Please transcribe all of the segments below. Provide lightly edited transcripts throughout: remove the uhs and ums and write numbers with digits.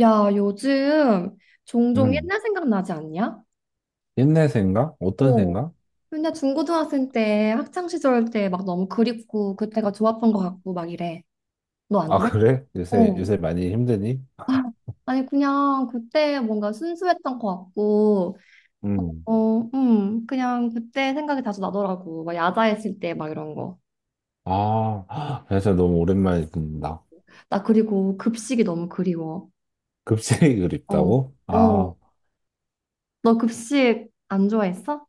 야, 요즘 종종 음, 옛날 생각나지 않냐? 옛날 생각? 어떤 어. 생각? 맨날 중고등학생 때, 학창시절 때 막 너무 그립고, 그때가 좋았던 것 같고, 막 이래. 너 안 아, 그래? 그래? 요새, 어. 요새 많이 힘드니? 아니, 그냥 그때 뭔가 순수했던 것 같고, 음. 어, 그냥 그때 생각이 자주 나더라고. 막 야자했을 때 막 이런 거. 아, 진짜 너무 오랜만에 듣는다. 나 그리고 급식이 너무 그리워. 급식이 어, 그립다고? 어. 아, 너 급식 안 좋아했어?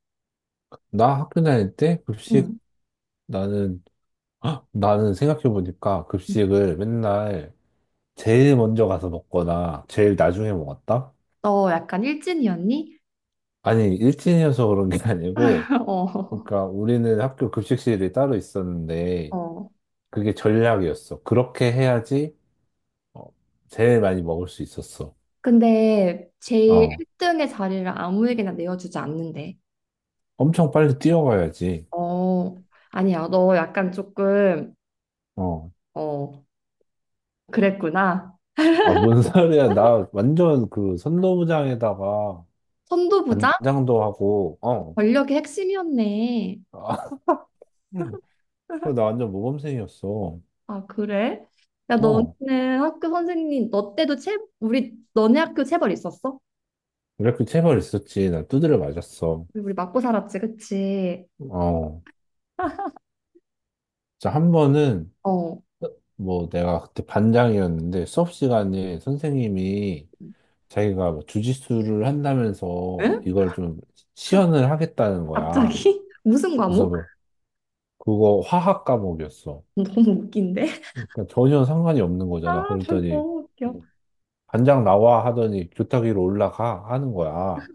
나 학교 다닐 때 급식. 응. 나는, 헉, 나는 생각해보니까 응. 급식을 맨날 제일 먼저 가서 먹거나 제일 나중에 먹었다? 너 약간 일진이었니? 아니, 일진이어서 그런 게 아니고, 그러니까 우리는 학교 급식실이 따로 어. 있었는데, 어. 그게 전략이었어. 그렇게 해야지 어, 제일 많이 먹을 수 있었어. 근데 제일 어, 1등의 자리를 아무에게나 내어주지 않는데. 엄청 빨리 뛰어가야지. 어, 아니야. 너 약간 조금, 어, 어, 그랬구나. 아, 뭔 소리야. 나 완전 그 선도부장에다가 선도부장? 반장도 하고, 권력의 핵심이었네. 아, 그래서 나 완전 모범생이었어. 아, 그래? 야, 너는 어, 학교 선생님, 너 때도 체, 우리, 너네 학교 체벌 있었어? 이렇게 체벌 있었지. 나 두드려 맞았어. 우리 맞고 살았지, 그치? 어, 진짜 한 번은 어, 뭐 내가 그때 반장이었는데 수업 시간에 선생님이 자기가 뭐 주짓수를 한다면서 응? 이걸 좀 시연을 하겠다는 거야. 갑자기? 무슨 그래서 과목? 뭐 그거 화학 과목이었어. 너무 웃긴데? 그러니까 전혀 상관이 없는 아, 거잖아. 너무 그랬더니 웃겨. 반장 나와 하더니 교탁 위로 올라가 하는 거야.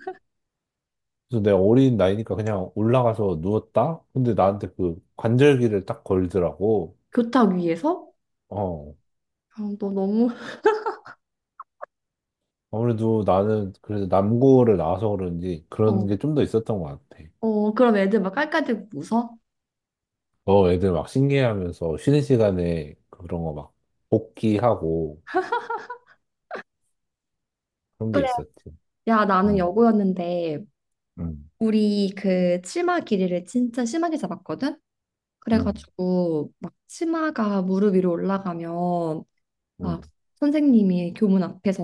그래서 내가 어린 나이니까 그냥 올라가서 누웠다? 근데 나한테 그 관절기를 딱 걸더라고. 교탁 위에서? 어. 아, 너 너무, 아무래도 나는 그래서 남고를 나와서 그런지 그런 게 어. 좀 더 있었던 것 같아. 어, 그럼 애들 막 깔깔대고 웃어? 어, 애들 막 신기해하면서 쉬는 시간에 그런 거 막 복귀하고 그런 게 그래. 있었지. 야, 나는 응, 여고였는데 응, 우리 그 치마 길이를 진짜 심하게 잡았거든? 응, 그래가지고 막 치마가 무릎 위로 올라가면 응, 막 선생님이 교문 앞에서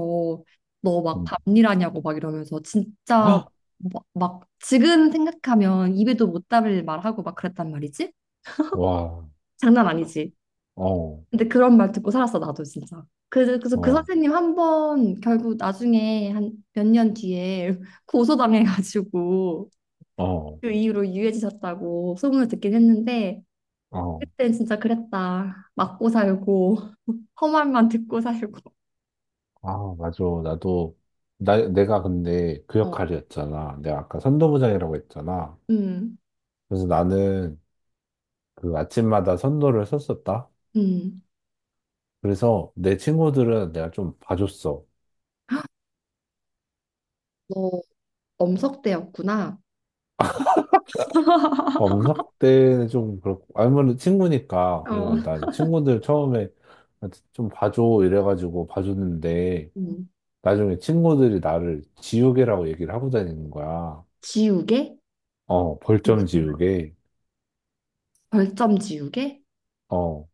너 막 응. 밤일하냐고 막 이러면서 진짜 헉! 막, 막 지금 생각하면 입에도 못 담을 말하고 막 그랬단 말이지? 와. 장난 아니지? 어, 근데 그런 말 듣고 살았어 나도 진짜. 그래서 그 어, 선생님 한 번 결국 나중에 한 몇 년 뒤에 고소당해가지고 어, 그 이후로 유해지셨다고 소문을 듣긴 했는데 어. 그땐 진짜 그랬다. 맞고 살고 험한만 듣고 살고. 아, 맞아. 나도, 내가 근데 그 어, 역할이었잖아. 내가 아까 선도부장이라고 했잖아. 음, 그래서 나는 그 아침마다 선도를 썼었다. 음. 그래서 내 친구들은 내가 좀 봐줬어. 너 엄석대였구나. 엄석 때는 좀 그렇고, 아무래도 친구니까. 어, 그래서 난 친구들 처음에 좀 봐줘 이래가지고 봐줬는데, 음. 나중에 친구들이 나를 지우개라고 얘기를 하고 다니는 거야. 지우개? 어, 벌점 무슨 말? 지우개. 벌점 지우개? 어.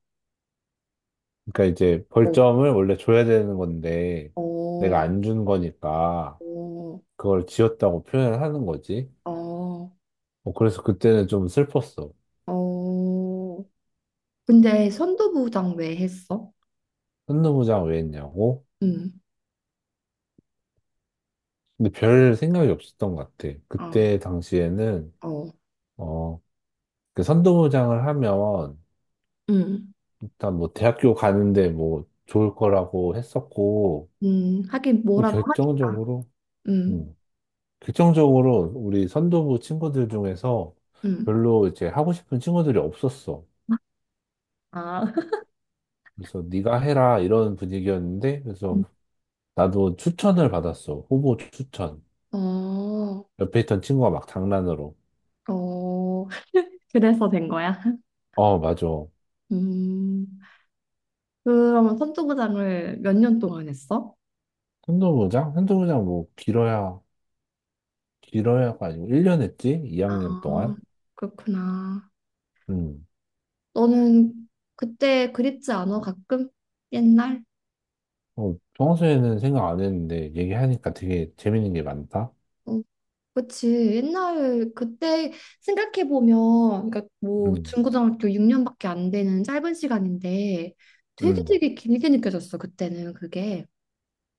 그러니까 이제 어, 벌점을 원래 줘야 되는 건데 내가 어, 안 준 거니까 어, 그걸 지었다고 표현을 하는 거지. 어, 어, 그래서 그때는 좀 슬펐어. 어. 근데 선도부장 왜 했어? 현노부장 왜 했냐고? 음, 근데 별 생각이 없었던 것 같아. 어, 그때 당시에는 어. 어, 그 선도부장을 하면 음, 일단 뭐 대학교 가는데 뭐 좋을 거라고 했었고 하긴 또 뭐라도 하니까. 결정적으로 음, 음, 결정적으로 우리 선도부 친구들 중에서 음. 별로 이제 하고 싶은 친구들이 없었어. 아, 그래서 네가 해라 이런 분위기였는데 그래서 음. 나도 추천을 받았어. 후보 추천. 어, 옆에 있던 친구가 막 장난으로. 어, 그래서 된 거야. 어, 맞아. 음, 그러면 선도부장을 몇 년 동안 했어? 한도부장? 한도부장 뭐 길어야 길어야가 아니고 1년 했지? 아, 2학년 동안? 그렇구나. 음. 너는 그때 그립지 않아? 가끔? 옛날? 어, 평소에는 생각 안 했는데 얘기하니까 되게 재밌는 게 많다. 어. 그치. 옛날 그때 생각해 보면, 그러니까 뭐 음. 중고등학교 6년밖에 안 되는 짧은 시간인데 되게 음. 되게 길게 느껴졌어 그때는 그게.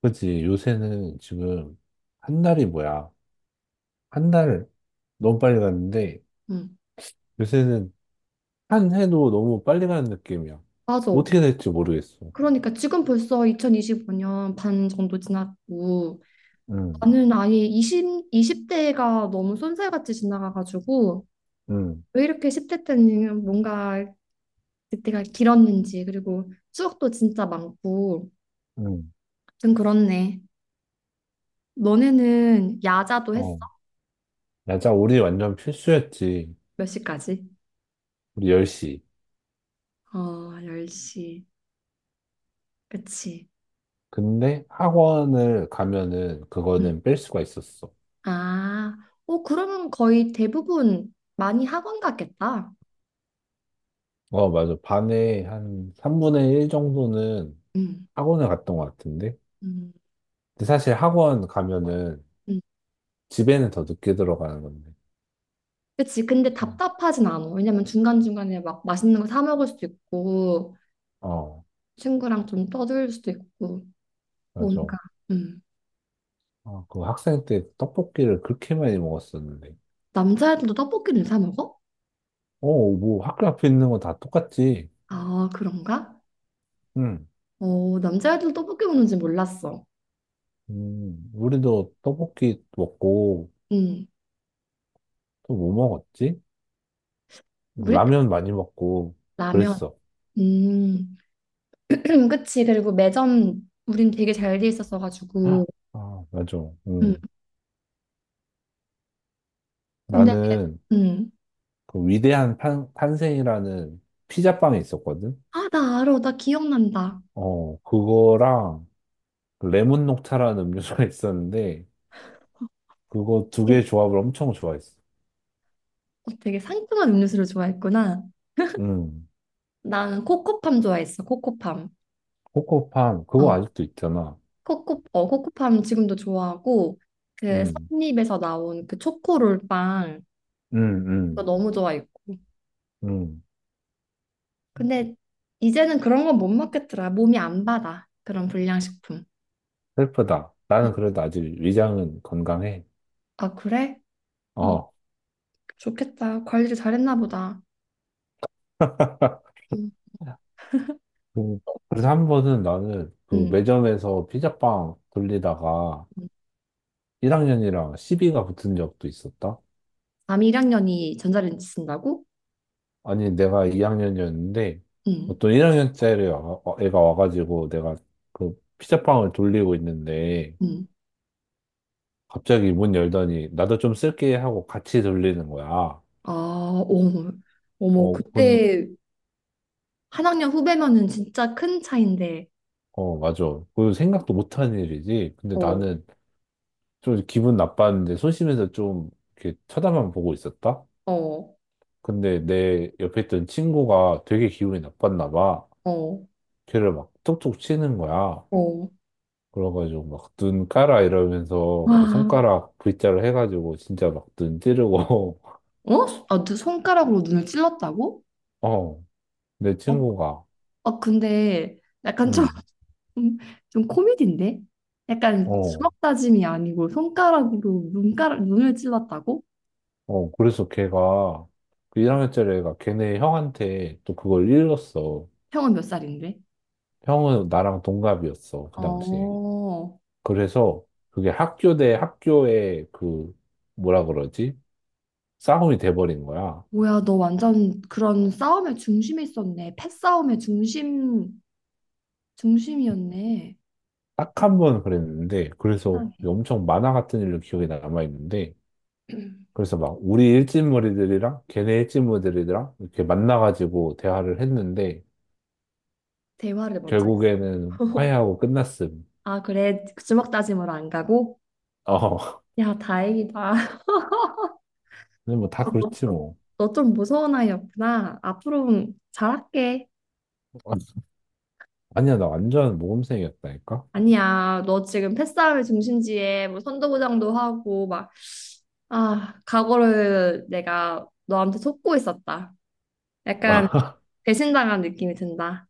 그치 요새는 지금 한 달이 뭐야? 한 달 너무 빨리 갔는데 응, 요새는 한 해도 너무 빨리 가는 느낌이야. 맞아. 어떻게 될지 모르겠어. 그러니까 지금 벌써 2025년 반 정도 지났고 응, 나는 아예 20, 이십 대가 너무 쏜살같이 지나가가지고 응, 왜 이렇게 10대 때는 뭔가 그때가 길었는지 그리고 추억도 진짜 많고 응. 좀 그렇네. 너네는 야자도 했어? 어. 맞아, 우리 완전 필수였지. 몇 시까지? 우리 10시. 어, 10시. 그치. 근데 학원을 가면은 음. 그거는 뺄 수가 있었어. 아, 어, 그러면 거의 대부분 많이 학원 갔겠다. 어, 맞아. 반에 한 3분의 1 정도는 음, 학원을 갔던 것 같은데. 음, 근데 사실 학원 가면은 음. 집에는 더 늦게 들어가는 건데. 그치. 근데 그래서, 답답하진 않아. 왜냐면 중간중간에 막 맛있는 거 사 먹을 수도 있고, 어, 친구랑 좀 떠들 수도 있고, 맞아. 뭔가. 음. 아, 그 학생 때 떡볶이를 그렇게 많이 먹었었는데. 남자애들도 떡볶이를 사 먹어? 어, 뭐 학교 앞에 있는 거 다 똑같지. 아, 그런가? 응. 어, 남자애들도 떡볶이 먹는지 몰랐어. 우리도 떡볶이 먹고, 음. 또 뭐 먹었지? 뭐 우리 때 라면 많이 먹고, 라면. 그랬어. 음. 그치. 그리고 매점 우린 되게 잘 돼 있었어가지고. 아, 맞아. 음. 음. 근데 나는 음. 그 위대한 탄, 탄생이라는 피자빵이 있었거든? 아, 나 알아. 나 기억난다. 어, 그거랑 그 레몬 녹차라는 음료수가 있었는데, 그거 두 개 일- 조합을 엄청 좋아했어. 어, 되게 상큼한 음료수를 좋아했구나. 응. 난 코코팜 좋아했어. 코코팜. 코코팜, 그거 어, 아직도 있잖아. 코코 어 코코팜 지금도 좋아하고 그 응, 선립에서 나온 그 초코롤 빵 응, 그거 응, 너무 좋아했고. 응. 근데 이제는 그런 건 못 먹겠더라. 몸이 안 받아. 그런 불량식품. 슬프다. 음. 나는 그래도 아직 위장은 건강해. 아, 그래? 어, 어. 좋겠다. 관리를 잘했나 보다. 음. 그- 그래서 한 번은 나는 그 음. 매점에서 피자빵 돌리다가 음. 1학년이랑 시비가 붙은 적도 있었다. 남이 1학년이 전자레인지 쓴다고? 아니, 내가 2학년이었는데 응, 어떤 1학년짜리 애가 와가지고 내가 그 피자빵을 돌리고 있는데 응. 갑자기 문 열더니 나도 좀 쓸게 하고 같이 돌리는 거야. 아, 어머, 어머, 어, 그때 한 학년 후배면은 진짜 큰 차인데, 어, 맞아. 그 생각도 못한 일이지. 근데 어, 나는 좀 기분 나빴는데 소심해서 좀 이렇게 쳐다만 보고 있었다. 어, 근데 내 옆에 있던 친구가 되게 기분이 나빴나 봐. 어, 걔를 막 툭툭 치는 거야. 어. 그래가지고 막 눈 까라 이러면서 그 와, 손가락 V자로 해가지고 진짜 막 눈 찌르고, 어? 아, 너 손가락으로 눈을 찔렀다고? 어, 내 어, 친구가, 어, 근데 약간 좀, 응, 좀 코미디인데? 약간 어, 주먹 다짐이 아니고 손가락으로 눈가락, 눈을 찔렀다고? 어, 그래서 걔가, 그 1학년짜리 애가 걔네 형한테 또 그걸 일렀어. 형은 몇 살인데? 형은 나랑 동갑이었어, 그 당시에. 어, 그래서 그게 학교 대 학교의 그, 뭐라 그러지? 싸움이 돼버린 거야. 뭐야, 너 완전 그런 싸움의 중심에 있었네. 패싸움의 중심, 중심이었네. 딱 한 번 그랬는데, 그래서 세상에. 엄청 만화 같은 일로 기억에 남아있는데, 그래서 막 우리 일진머리들이랑 걔네 일진머리들이랑 이렇게 만나가지고 대화를 했는데, 대화를 먼저 했어. 결국에는 화해하고 어. 끝났음. 아, 그래. 주먹 다짐으로 안 가고? 어, 야, 다행이다. 근데 뭐 다 그렇지 뭐. 너 좀 무서운 아이였구나. 앞으로 잘할게. 아니야, 나 완전 모범생이었다니까? 아니야, 너 지금 패싸움의 중심지에 뭐 선도부장도 하고 막, 아, 각오를 내가 너한테 속고 있었다. 약간 배신당한 느낌이 든다.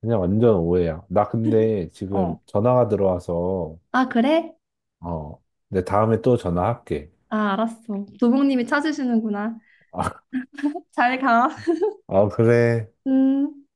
그냥 완전 오해야. 나 근데 어. 지금 전화가 들어와서, 아, 그래? 어, 내 다음에 또 전화할게. 아, 알았어. 도봉님이 찾으시는구나. 잘 가. 아, 그래. 음.